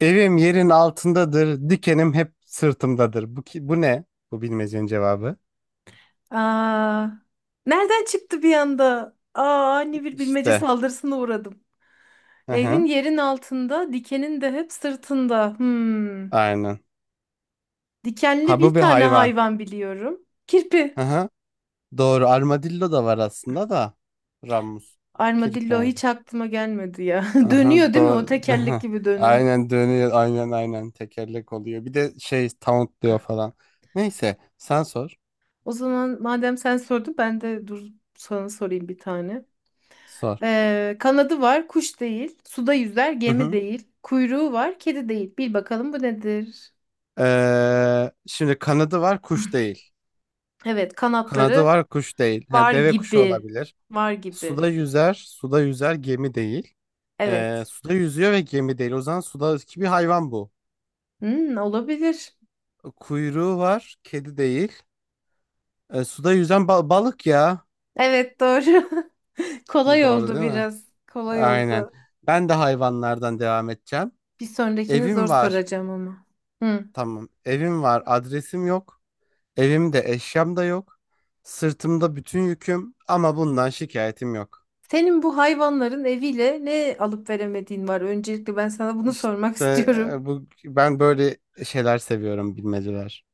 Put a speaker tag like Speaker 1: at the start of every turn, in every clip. Speaker 1: Evim yerin altındadır, dikenim hep sırtımdadır. Bu ne? Bu bilmecenin cevabı.
Speaker 2: Aa, nereden çıktı bir anda? Aa, ani bir bilmece
Speaker 1: İşte.
Speaker 2: saldırısına uğradım.
Speaker 1: Hı
Speaker 2: Evin
Speaker 1: hı.
Speaker 2: yerin altında, dikenin de hep sırtında. Hmm.
Speaker 1: Aynen.
Speaker 2: Dikenli
Speaker 1: Ha bu
Speaker 2: bir
Speaker 1: bir
Speaker 2: tane
Speaker 1: hayvan.
Speaker 2: hayvan biliyorum. Kirpi.
Speaker 1: Hı hı. Doğru. Armadillo da var aslında da. Ramus.
Speaker 2: Armadillo
Speaker 1: Kirpren.
Speaker 2: hiç aklıma gelmedi ya.
Speaker 1: Aha,
Speaker 2: Dönüyor değil mi? O
Speaker 1: doğru.
Speaker 2: tekerlek gibi dönü.
Speaker 1: Aynen dönüyor. Aynen aynen. Tekerlek oluyor. Bir de şey tauntluyor falan. Neyse. Sen sor.
Speaker 2: O zaman madem sen sordun ben de dur sana sorayım bir tane.
Speaker 1: Sor.
Speaker 2: Kanadı var, kuş değil. Suda yüzer,
Speaker 1: Hı
Speaker 2: gemi
Speaker 1: hı.
Speaker 2: değil. Kuyruğu var, kedi değil. Bil bakalım bu nedir?
Speaker 1: Şimdi kanadı var, kuş değil.
Speaker 2: Evet,
Speaker 1: Kanadı
Speaker 2: kanatları
Speaker 1: var, kuş değil. Ha,
Speaker 2: var
Speaker 1: deve kuşu
Speaker 2: gibi.
Speaker 1: olabilir.
Speaker 2: Var gibi.
Speaker 1: Suda yüzer, gemi değil.
Speaker 2: Evet.
Speaker 1: Suda yüzüyor ve gemi değil. O zaman sudaki bir hayvan bu.
Speaker 2: Hmm, olabilir.
Speaker 1: Kuyruğu var, kedi değil. Suda yüzen balık ya.
Speaker 2: Evet doğru. Kolay
Speaker 1: Doğru
Speaker 2: oldu
Speaker 1: değil mi?
Speaker 2: biraz. Kolay
Speaker 1: Aynen.
Speaker 2: oldu.
Speaker 1: Ben de hayvanlardan devam edeceğim.
Speaker 2: Bir sonrakini zor
Speaker 1: Evim var.
Speaker 2: soracağım ama. Hı.
Speaker 1: Tamam. Evim var. Adresim yok. Evimde eşyam da yok. Sırtımda bütün yüküm ama bundan şikayetim yok.
Speaker 2: Senin bu hayvanların eviyle ne alıp veremediğin var? Öncelikle ben sana bunu
Speaker 1: İşte
Speaker 2: sormak istiyorum.
Speaker 1: bu ben böyle şeyler seviyorum, bilmeceler.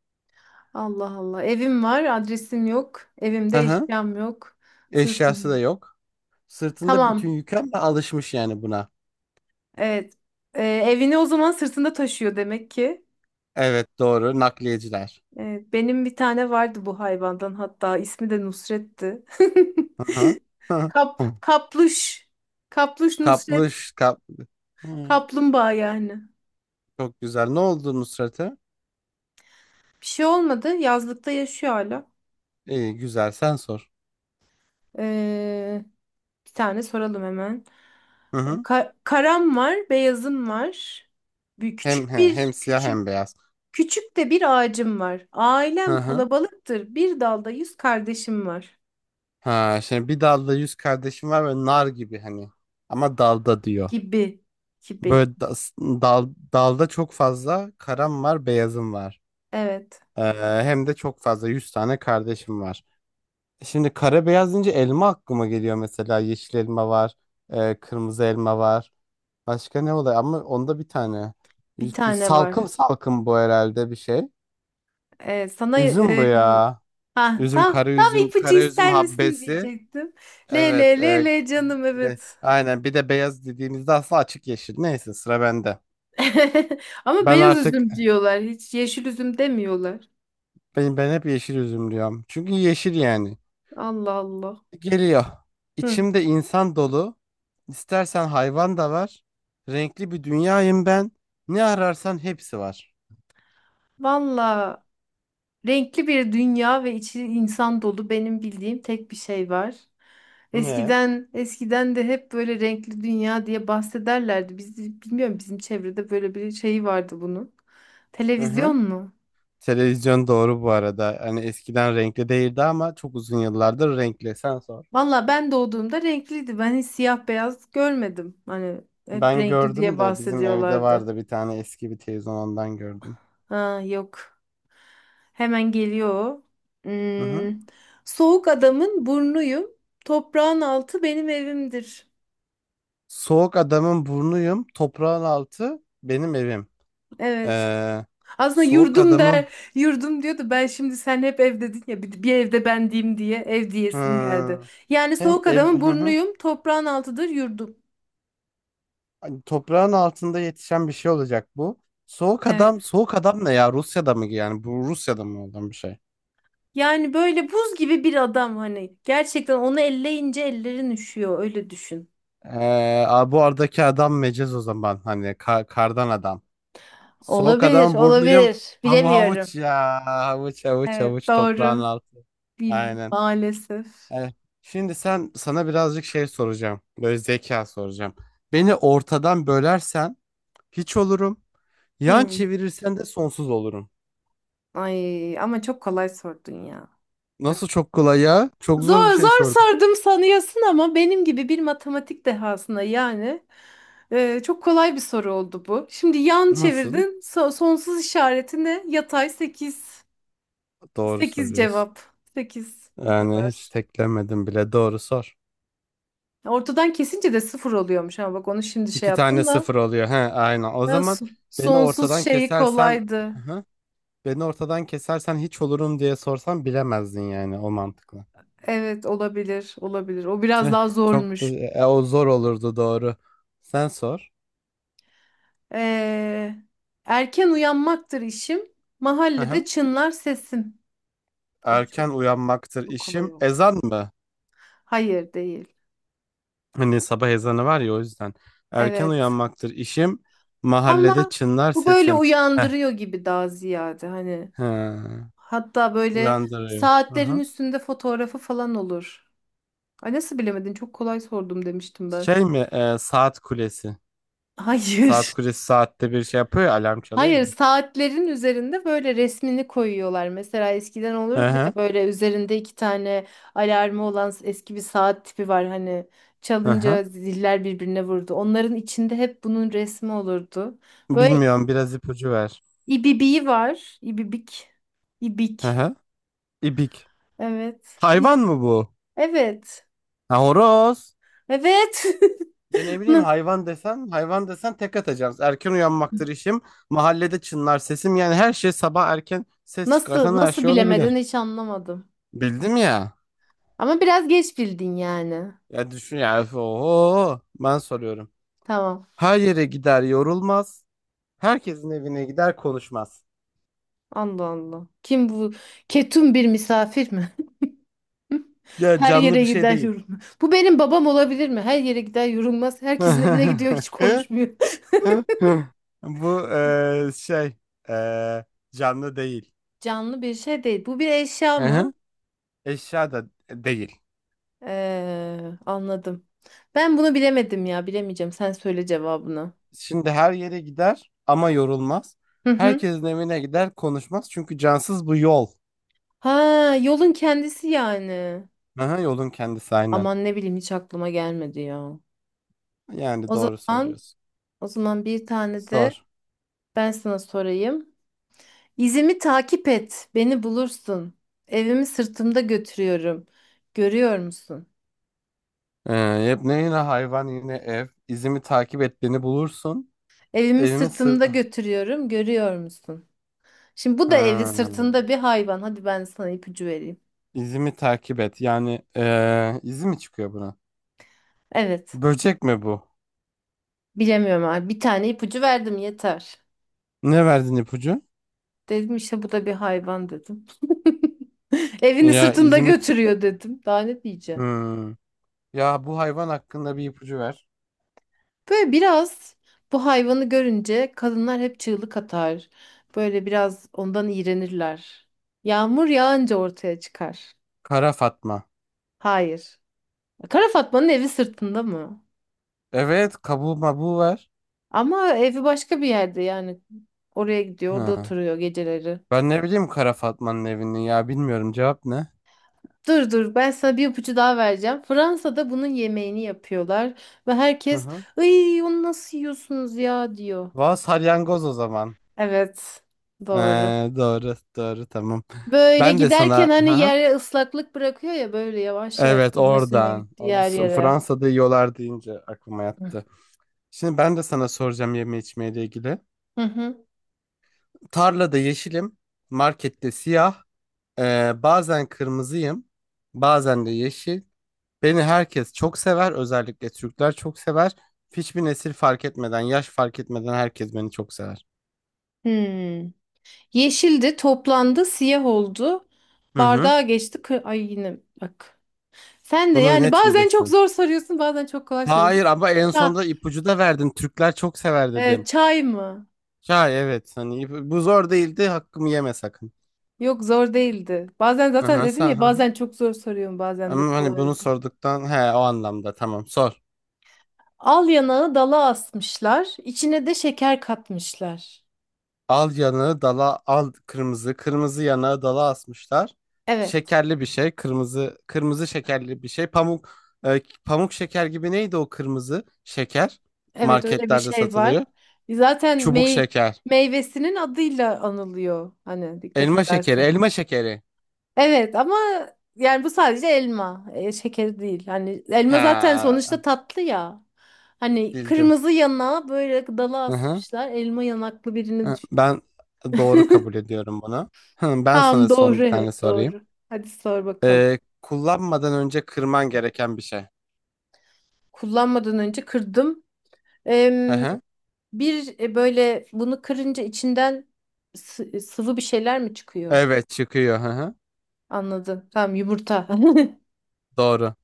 Speaker 2: Allah Allah. Evim var, adresim yok.
Speaker 1: Hı
Speaker 2: Evimde
Speaker 1: hı.
Speaker 2: eşyam yok.
Speaker 1: Eşyası da
Speaker 2: Sırtım.
Speaker 1: yok. Sırtında bütün
Speaker 2: Tamam.
Speaker 1: yükü ama alışmış yani buna.
Speaker 2: Evet. Evini o zaman sırtında taşıyor demek ki.
Speaker 1: Evet doğru, nakliyeciler.
Speaker 2: Evet, benim bir tane vardı bu hayvandan hatta ismi de Nusret'ti.
Speaker 1: Hı hı. Hı.
Speaker 2: Kapluş. Kapluş Nusret.
Speaker 1: Kaplış kap. Hmm,
Speaker 2: Kaplumbağa yani.
Speaker 1: Çok güzel. Ne oldu Nusret'e?
Speaker 2: Bir şey olmadı. Yazlıkta yaşıyor hala.
Speaker 1: İyi güzel, sen sor.
Speaker 2: Ee, Bir tane soralım hemen.
Speaker 1: Hı hı.
Speaker 2: Karam var, beyazım var. Bir
Speaker 1: Hem
Speaker 2: küçük
Speaker 1: he, hem
Speaker 2: bir
Speaker 1: siyah
Speaker 2: küçük
Speaker 1: hem beyaz.
Speaker 2: küçük de bir ağacım var.
Speaker 1: Hı
Speaker 2: Ailem
Speaker 1: hı.
Speaker 2: kalabalıktır. Bir dalda yüz kardeşim var.
Speaker 1: Ha şimdi bir dalda yüz kardeşim var ve nar gibi hani. Ama dalda diyor.
Speaker 2: Gibi gibi.
Speaker 1: Böyle dalda çok fazla karam var, beyazım var.
Speaker 2: Evet,
Speaker 1: Ee, Hem de çok fazla 100 tane kardeşim var. Şimdi kara beyaz deyince elma aklıma geliyor mesela. Yeşil elma var, kırmızı elma var. Başka ne oluyor? Ama onda bir tane.
Speaker 2: bir tane
Speaker 1: Salkım
Speaker 2: var.
Speaker 1: salkım bu, herhalde bir şey.
Speaker 2: Ee, sana
Speaker 1: Üzüm bu
Speaker 2: e,
Speaker 1: ya.
Speaker 2: ha
Speaker 1: Üzüm,
Speaker 2: tam
Speaker 1: kara
Speaker 2: tam
Speaker 1: üzüm,
Speaker 2: ipucu
Speaker 1: kara üzüm
Speaker 2: ister misin
Speaker 1: habbesi.
Speaker 2: diyecektim. Le
Speaker 1: Evet.
Speaker 2: le le
Speaker 1: e,
Speaker 2: le canım
Speaker 1: ve-
Speaker 2: evet.
Speaker 1: aynen. Bir de beyaz dediğimizde aslında açık yeşil. Neyse, sıra bende.
Speaker 2: Ama
Speaker 1: Ben
Speaker 2: beyaz
Speaker 1: artık
Speaker 2: üzüm diyorlar. Hiç yeşil üzüm demiyorlar.
Speaker 1: ben hep yeşil üzüm diyorum. Çünkü yeşil yani.
Speaker 2: Allah Allah.
Speaker 1: Geliyor.
Speaker 2: Hı.
Speaker 1: İçimde insan dolu. İstersen hayvan da var. Renkli bir dünyayım ben. Ne ararsan hepsi var.
Speaker 2: Valla renkli bir dünya ve içi insan dolu benim bildiğim tek bir şey var.
Speaker 1: Ne?
Speaker 2: Eskiden de hep böyle renkli dünya diye bahsederlerdi. Biz bilmiyorum bizim çevrede böyle bir şey vardı bunun.
Speaker 1: Hı hı.
Speaker 2: Televizyon mu?
Speaker 1: Televizyon, doğru bu arada. Hani eskiden renkli değildi ama çok uzun yıllardır renkli. Sen sor.
Speaker 2: Valla ben doğduğumda renkliydi. Ben hiç siyah beyaz görmedim. Hani hep
Speaker 1: Ben
Speaker 2: renkli diye
Speaker 1: gördüm de, bizim evde
Speaker 2: bahsediyorlardı.
Speaker 1: vardı bir tane eski bir televizyon, ondan gördüm.
Speaker 2: Ha yok. Hemen geliyor. O.
Speaker 1: Hı hı.
Speaker 2: Hmm. Soğuk adamın burnuyum. Toprağın altı benim evimdir.
Speaker 1: Soğuk adamın burnuyum. Toprağın altı benim evim.
Speaker 2: Evet.
Speaker 1: Ee,
Speaker 2: Aslında
Speaker 1: Soğuk
Speaker 2: yurdum
Speaker 1: adamın.
Speaker 2: der. Yurdum diyordu. Ben şimdi sen hep ev dedin ya bir evde ben diyeyim diye ev diyesim geldi.
Speaker 1: Hı.
Speaker 2: Yani
Speaker 1: Hem
Speaker 2: soğuk
Speaker 1: ev,
Speaker 2: adamın
Speaker 1: hı hı.
Speaker 2: burnuyum. Toprağın altıdır yurdum.
Speaker 1: Hani toprağın altında yetişen bir şey olacak bu. Soğuk adam,
Speaker 2: Evet.
Speaker 1: soğuk adam ne ya? Rusya'da mı yani? Bu Rusya'da mı olan bir şey?
Speaker 2: Yani böyle buz gibi bir adam hani. Gerçekten onu elleyince ellerin üşüyor öyle düşün.
Speaker 1: Bu aradaki adam mecaz o zaman. Hani kardan adam. Soğuk
Speaker 2: Olabilir,
Speaker 1: adamın burnuyum.
Speaker 2: olabilir.
Speaker 1: Havu
Speaker 2: Bilemiyorum.
Speaker 1: havuç ya. Havuç havuç
Speaker 2: Evet
Speaker 1: havuç, toprağın
Speaker 2: doğru.
Speaker 1: altı.
Speaker 2: Bil
Speaker 1: Aynen.
Speaker 2: maalesef.
Speaker 1: Evet. Şimdi sana birazcık şey soracağım. Böyle zeka soracağım. Beni ortadan bölersen hiç olurum. Yan
Speaker 2: Hmm.
Speaker 1: çevirirsen de sonsuz olurum.
Speaker 2: Ay ama çok kolay sordun ya.
Speaker 1: Nasıl
Speaker 2: Bak.
Speaker 1: çok kolay ya? Çok zor bir
Speaker 2: Zor
Speaker 1: şey
Speaker 2: zor
Speaker 1: sordum.
Speaker 2: sordum sanıyorsun ama benim gibi bir matematik dehasına yani çok kolay bir soru oldu bu. Şimdi yan
Speaker 1: Nasıl?
Speaker 2: çevirdin. Sonsuz işareti ne? Yatay sekiz,
Speaker 1: Doğru
Speaker 2: 8
Speaker 1: söylüyorsun.
Speaker 2: cevap. Sekiz bu
Speaker 1: Yani hiç
Speaker 2: kadar.
Speaker 1: teklemedim bile. Doğru sor.
Speaker 2: Ortadan kesince de sıfır oluyormuş ama bak onu şimdi şey
Speaker 1: İki tane
Speaker 2: yaptım da.
Speaker 1: sıfır oluyor. He, aynen. O
Speaker 2: Ya,
Speaker 1: zaman beni
Speaker 2: sonsuz
Speaker 1: ortadan
Speaker 2: şeyi
Speaker 1: kesersen.
Speaker 2: kolaydı.
Speaker 1: Hı hı. Beni ortadan kesersen hiç olurum diye sorsan bilemezdin yani, o mantıkla.
Speaker 2: Evet olabilir olabilir. O biraz
Speaker 1: Tüh,
Speaker 2: daha
Speaker 1: çok da
Speaker 2: zormuş.
Speaker 1: o zor olurdu, doğru. Sen sor.
Speaker 2: Ee, Erken uyanmaktır işim.
Speaker 1: Hı
Speaker 2: Mahallede
Speaker 1: hı.
Speaker 2: çınlar sesim. Abi
Speaker 1: Erken uyanmaktır
Speaker 2: çok kolay
Speaker 1: işim.
Speaker 2: oldu.
Speaker 1: Ezan mı?
Speaker 2: Hayır değil.
Speaker 1: Hani sabah ezanı var ya, o yüzden. Erken
Speaker 2: Evet.
Speaker 1: uyanmaktır işim. Mahallede
Speaker 2: Ama
Speaker 1: çınlar
Speaker 2: bu böyle
Speaker 1: sesim. Heh.
Speaker 2: uyandırıyor gibi daha ziyade hani.
Speaker 1: Hı.
Speaker 2: Hatta böyle
Speaker 1: Uyandırıyor.
Speaker 2: saatlerin
Speaker 1: Aha.
Speaker 2: üstünde fotoğrafı falan olur. Ay nasıl bilemedin? Çok kolay sordum demiştim ben.
Speaker 1: Şey mi? Saat kulesi. Saat
Speaker 2: Hayır.
Speaker 1: kulesi saatte bir şey yapıyor ya, alarm çalıyor
Speaker 2: Hayır,
Speaker 1: ya.
Speaker 2: saatlerin üzerinde böyle resmini koyuyorlar. Mesela eskiden
Speaker 1: Hı
Speaker 2: olurdu ya
Speaker 1: hı.
Speaker 2: böyle üzerinde iki tane alarmı olan eski bir saat tipi var. Hani
Speaker 1: Hı hı.
Speaker 2: çalınca ziller birbirine vurdu. Onların içinde hep bunun resmi olurdu. Böyle
Speaker 1: Bilmiyorum, biraz ipucu ver.
Speaker 2: ibibiği var. İbibik.
Speaker 1: Hı
Speaker 2: İbik.
Speaker 1: hı. İbik.
Speaker 2: Evet.
Speaker 1: Hayvan mı bu?
Speaker 2: Evet.
Speaker 1: Ha, horoz.
Speaker 2: Evet.
Speaker 1: Ya ne bileyim,
Speaker 2: Na-
Speaker 1: hayvan desen hayvan desen tek atacağız. Erken uyanmaktır işim. Mahallede çınlar sesim. Yani her şey, sabah erken ses
Speaker 2: Nasıl
Speaker 1: çıkartan her
Speaker 2: nasıl
Speaker 1: şey
Speaker 2: bilemeden
Speaker 1: olabilir.
Speaker 2: hiç anlamadım.
Speaker 1: Bildim ya.
Speaker 2: Ama biraz geç bildin yani.
Speaker 1: Ya düşün ya. Öf. Oho. Ben soruyorum.
Speaker 2: Tamam.
Speaker 1: Her yere gider, yorulmaz. Herkesin evine gider, konuşmaz.
Speaker 2: Allah Allah. Kim bu? Ketum bir misafir mi?
Speaker 1: Ya,
Speaker 2: Her
Speaker 1: canlı
Speaker 2: yere
Speaker 1: bir şey
Speaker 2: gider
Speaker 1: değil.
Speaker 2: yorulmaz. Bu benim babam olabilir mi? Her yere gider yorulmaz. Herkesin evine gidiyor hiç konuşmuyor.
Speaker 1: Bu şey, eee, canlı değil.
Speaker 2: Canlı bir şey değil. Bu bir eşya mı?
Speaker 1: Aha. Eşya da değil.
Speaker 2: Anladım. Ben bunu bilemedim ya. Bilemeyeceğim. Sen söyle cevabını.
Speaker 1: Şimdi her yere gider ama yorulmaz.
Speaker 2: Hı hı.
Speaker 1: Herkesin evine gider, konuşmaz. Çünkü cansız bu, yol.
Speaker 2: Ha, yolun kendisi yani.
Speaker 1: Aha, yolun kendisi, aynen.
Speaker 2: Aman ne bileyim hiç aklıma gelmedi ya.
Speaker 1: Yani
Speaker 2: O
Speaker 1: doğru
Speaker 2: zaman,
Speaker 1: söylüyorsun.
Speaker 2: O zaman bir tane de
Speaker 1: Sor.
Speaker 2: ben sana sorayım. İzimi takip et, beni bulursun. Evimi sırtımda götürüyorum. Görüyor musun?
Speaker 1: Yepne Yine hayvan, yine ev. İzimi takip et, beni bulursun.
Speaker 2: Evimi
Speaker 1: Evimi sır...
Speaker 2: sırtımda götürüyorum, görüyor musun? Şimdi bu da evi
Speaker 1: Ha.
Speaker 2: sırtında bir hayvan. Hadi ben sana ipucu vereyim.
Speaker 1: İzimi takip et. Yani izi mi çıkıyor buna?
Speaker 2: Evet.
Speaker 1: Böcek mi bu?
Speaker 2: Bilemiyorum abi. Bir tane ipucu verdim yeter.
Speaker 1: Ne verdin ipucu?
Speaker 2: Dedim işte bu da bir hayvan dedim. Evini
Speaker 1: Ya,
Speaker 2: sırtında
Speaker 1: İzmit.
Speaker 2: götürüyor dedim. Daha ne diyeceğim?
Speaker 1: Hmm. Ya bu hayvan hakkında bir ipucu ver.
Speaker 2: Böyle biraz bu hayvanı görünce kadınlar hep çığlık atar. Böyle biraz ondan iğrenirler. Yağmur yağınca ortaya çıkar.
Speaker 1: Kara Fatma.
Speaker 2: Hayır. Kara Fatma'nın evi sırtında mı?
Speaker 1: Evet, kabuğu mabuğu ver.
Speaker 2: Ama evi başka bir yerde yani. Oraya gidiyor, orada
Speaker 1: Ha.
Speaker 2: oturuyor geceleri.
Speaker 1: Ben ne bileyim Kara Fatma'nın evini, ya bilmiyorum, cevap ne?
Speaker 2: Dur dur ben sana bir ipucu daha vereceğim. Fransa'da bunun yemeğini yapıyorlar ve
Speaker 1: Hı
Speaker 2: herkes
Speaker 1: hı.
Speaker 2: "Iy onu nasıl yiyorsunuz ya?" diyor.
Speaker 1: Valla salyangoz o zaman.
Speaker 2: Evet,
Speaker 1: Ee,
Speaker 2: doğru.
Speaker 1: doğru doğru, tamam.
Speaker 2: Böyle
Speaker 1: Ben de sana,
Speaker 2: giderken
Speaker 1: hı
Speaker 2: hani
Speaker 1: hı.
Speaker 2: yere ıslaklık bırakıyor ya böyle yavaş yavaş
Speaker 1: Evet,
Speaker 2: sürüne sürüne
Speaker 1: oradan.
Speaker 2: gitti
Speaker 1: Abi,
Speaker 2: yer yere.
Speaker 1: Fransa'da yiyorlar deyince aklıma
Speaker 2: Hı
Speaker 1: yattı. Şimdi ben de sana soracağım, yeme içmeyle ilgili.
Speaker 2: hı. Hı.
Speaker 1: Tarlada yeşilim, markette siyah. Bazen kırmızıyım, bazen de yeşil. Beni herkes çok sever, özellikle Türkler çok sever. Hiçbir nesil fark etmeden, yaş fark etmeden herkes beni çok sever.
Speaker 2: Hmm. Yeşildi, toplandı, siyah oldu.
Speaker 1: Hı hı.
Speaker 2: Bardağa geçti. Ay yine bak. Sen de
Speaker 1: Bunu
Speaker 2: yani
Speaker 1: net
Speaker 2: bazen çok
Speaker 1: bilirsin.
Speaker 2: zor soruyorsun, bazen çok kolay soruyorsun.
Speaker 1: Hayır ama en
Speaker 2: Ha,
Speaker 1: sonunda ipucu da verdin. Türkler çok sever dedim.
Speaker 2: çay mı?
Speaker 1: Ya evet, hani bu zor değildi, hakkımı yeme sakın.
Speaker 2: Yok zor değildi. Bazen
Speaker 1: Hı
Speaker 2: zaten
Speaker 1: hı,
Speaker 2: dedim
Speaker 1: sen,
Speaker 2: ya
Speaker 1: hı hı.
Speaker 2: bazen çok zor soruyorum, bazen de
Speaker 1: Ama hani bunu
Speaker 2: kolaydı.
Speaker 1: sorduktan he, o anlamda, tamam sor.
Speaker 2: Al yanağı dala asmışlar, içine de şeker katmışlar.
Speaker 1: Al yanağı dala, al kırmızı. Kırmızı yanağı dala asmışlar.
Speaker 2: Evet,
Speaker 1: Şekerli bir şey. Kırmızı kırmızı şekerli bir şey. Pamuk şeker gibi, neydi o kırmızı şeker?
Speaker 2: evet öyle bir
Speaker 1: Marketlerde
Speaker 2: şey
Speaker 1: satılıyor.
Speaker 2: var. Zaten
Speaker 1: Çubuk şeker.
Speaker 2: meyvesinin adıyla anılıyor. Hani dikkat
Speaker 1: Elma şekeri.
Speaker 2: edersen.
Speaker 1: Elma şekeri.
Speaker 2: Evet ama yani bu sadece elma, şeker değil. Hani elma zaten
Speaker 1: Ha,
Speaker 2: sonuçta tatlı ya. Hani
Speaker 1: bildim.
Speaker 2: kırmızı yana böyle dala
Speaker 1: Hı hı.
Speaker 2: asmışlar. Elma yanaklı birini
Speaker 1: Hı,
Speaker 2: düşün.
Speaker 1: Ben doğru kabul ediyorum bunu. Hı, Ben
Speaker 2: Tamam
Speaker 1: sana son
Speaker 2: doğru
Speaker 1: bir tane
Speaker 2: evet
Speaker 1: sorayım.
Speaker 2: doğru. Hadi sor bakalım.
Speaker 1: Kullanmadan önce kırman gereken bir şey.
Speaker 2: Kullanmadan önce kırdım.
Speaker 1: Hı
Speaker 2: Em,
Speaker 1: hı.
Speaker 2: bir böyle bunu kırınca içinden sıvı bir şeyler mi çıkıyor?
Speaker 1: Evet, çıkıyor. Hı hı.
Speaker 2: Anladım. Tamam yumurta.
Speaker 1: Doğru.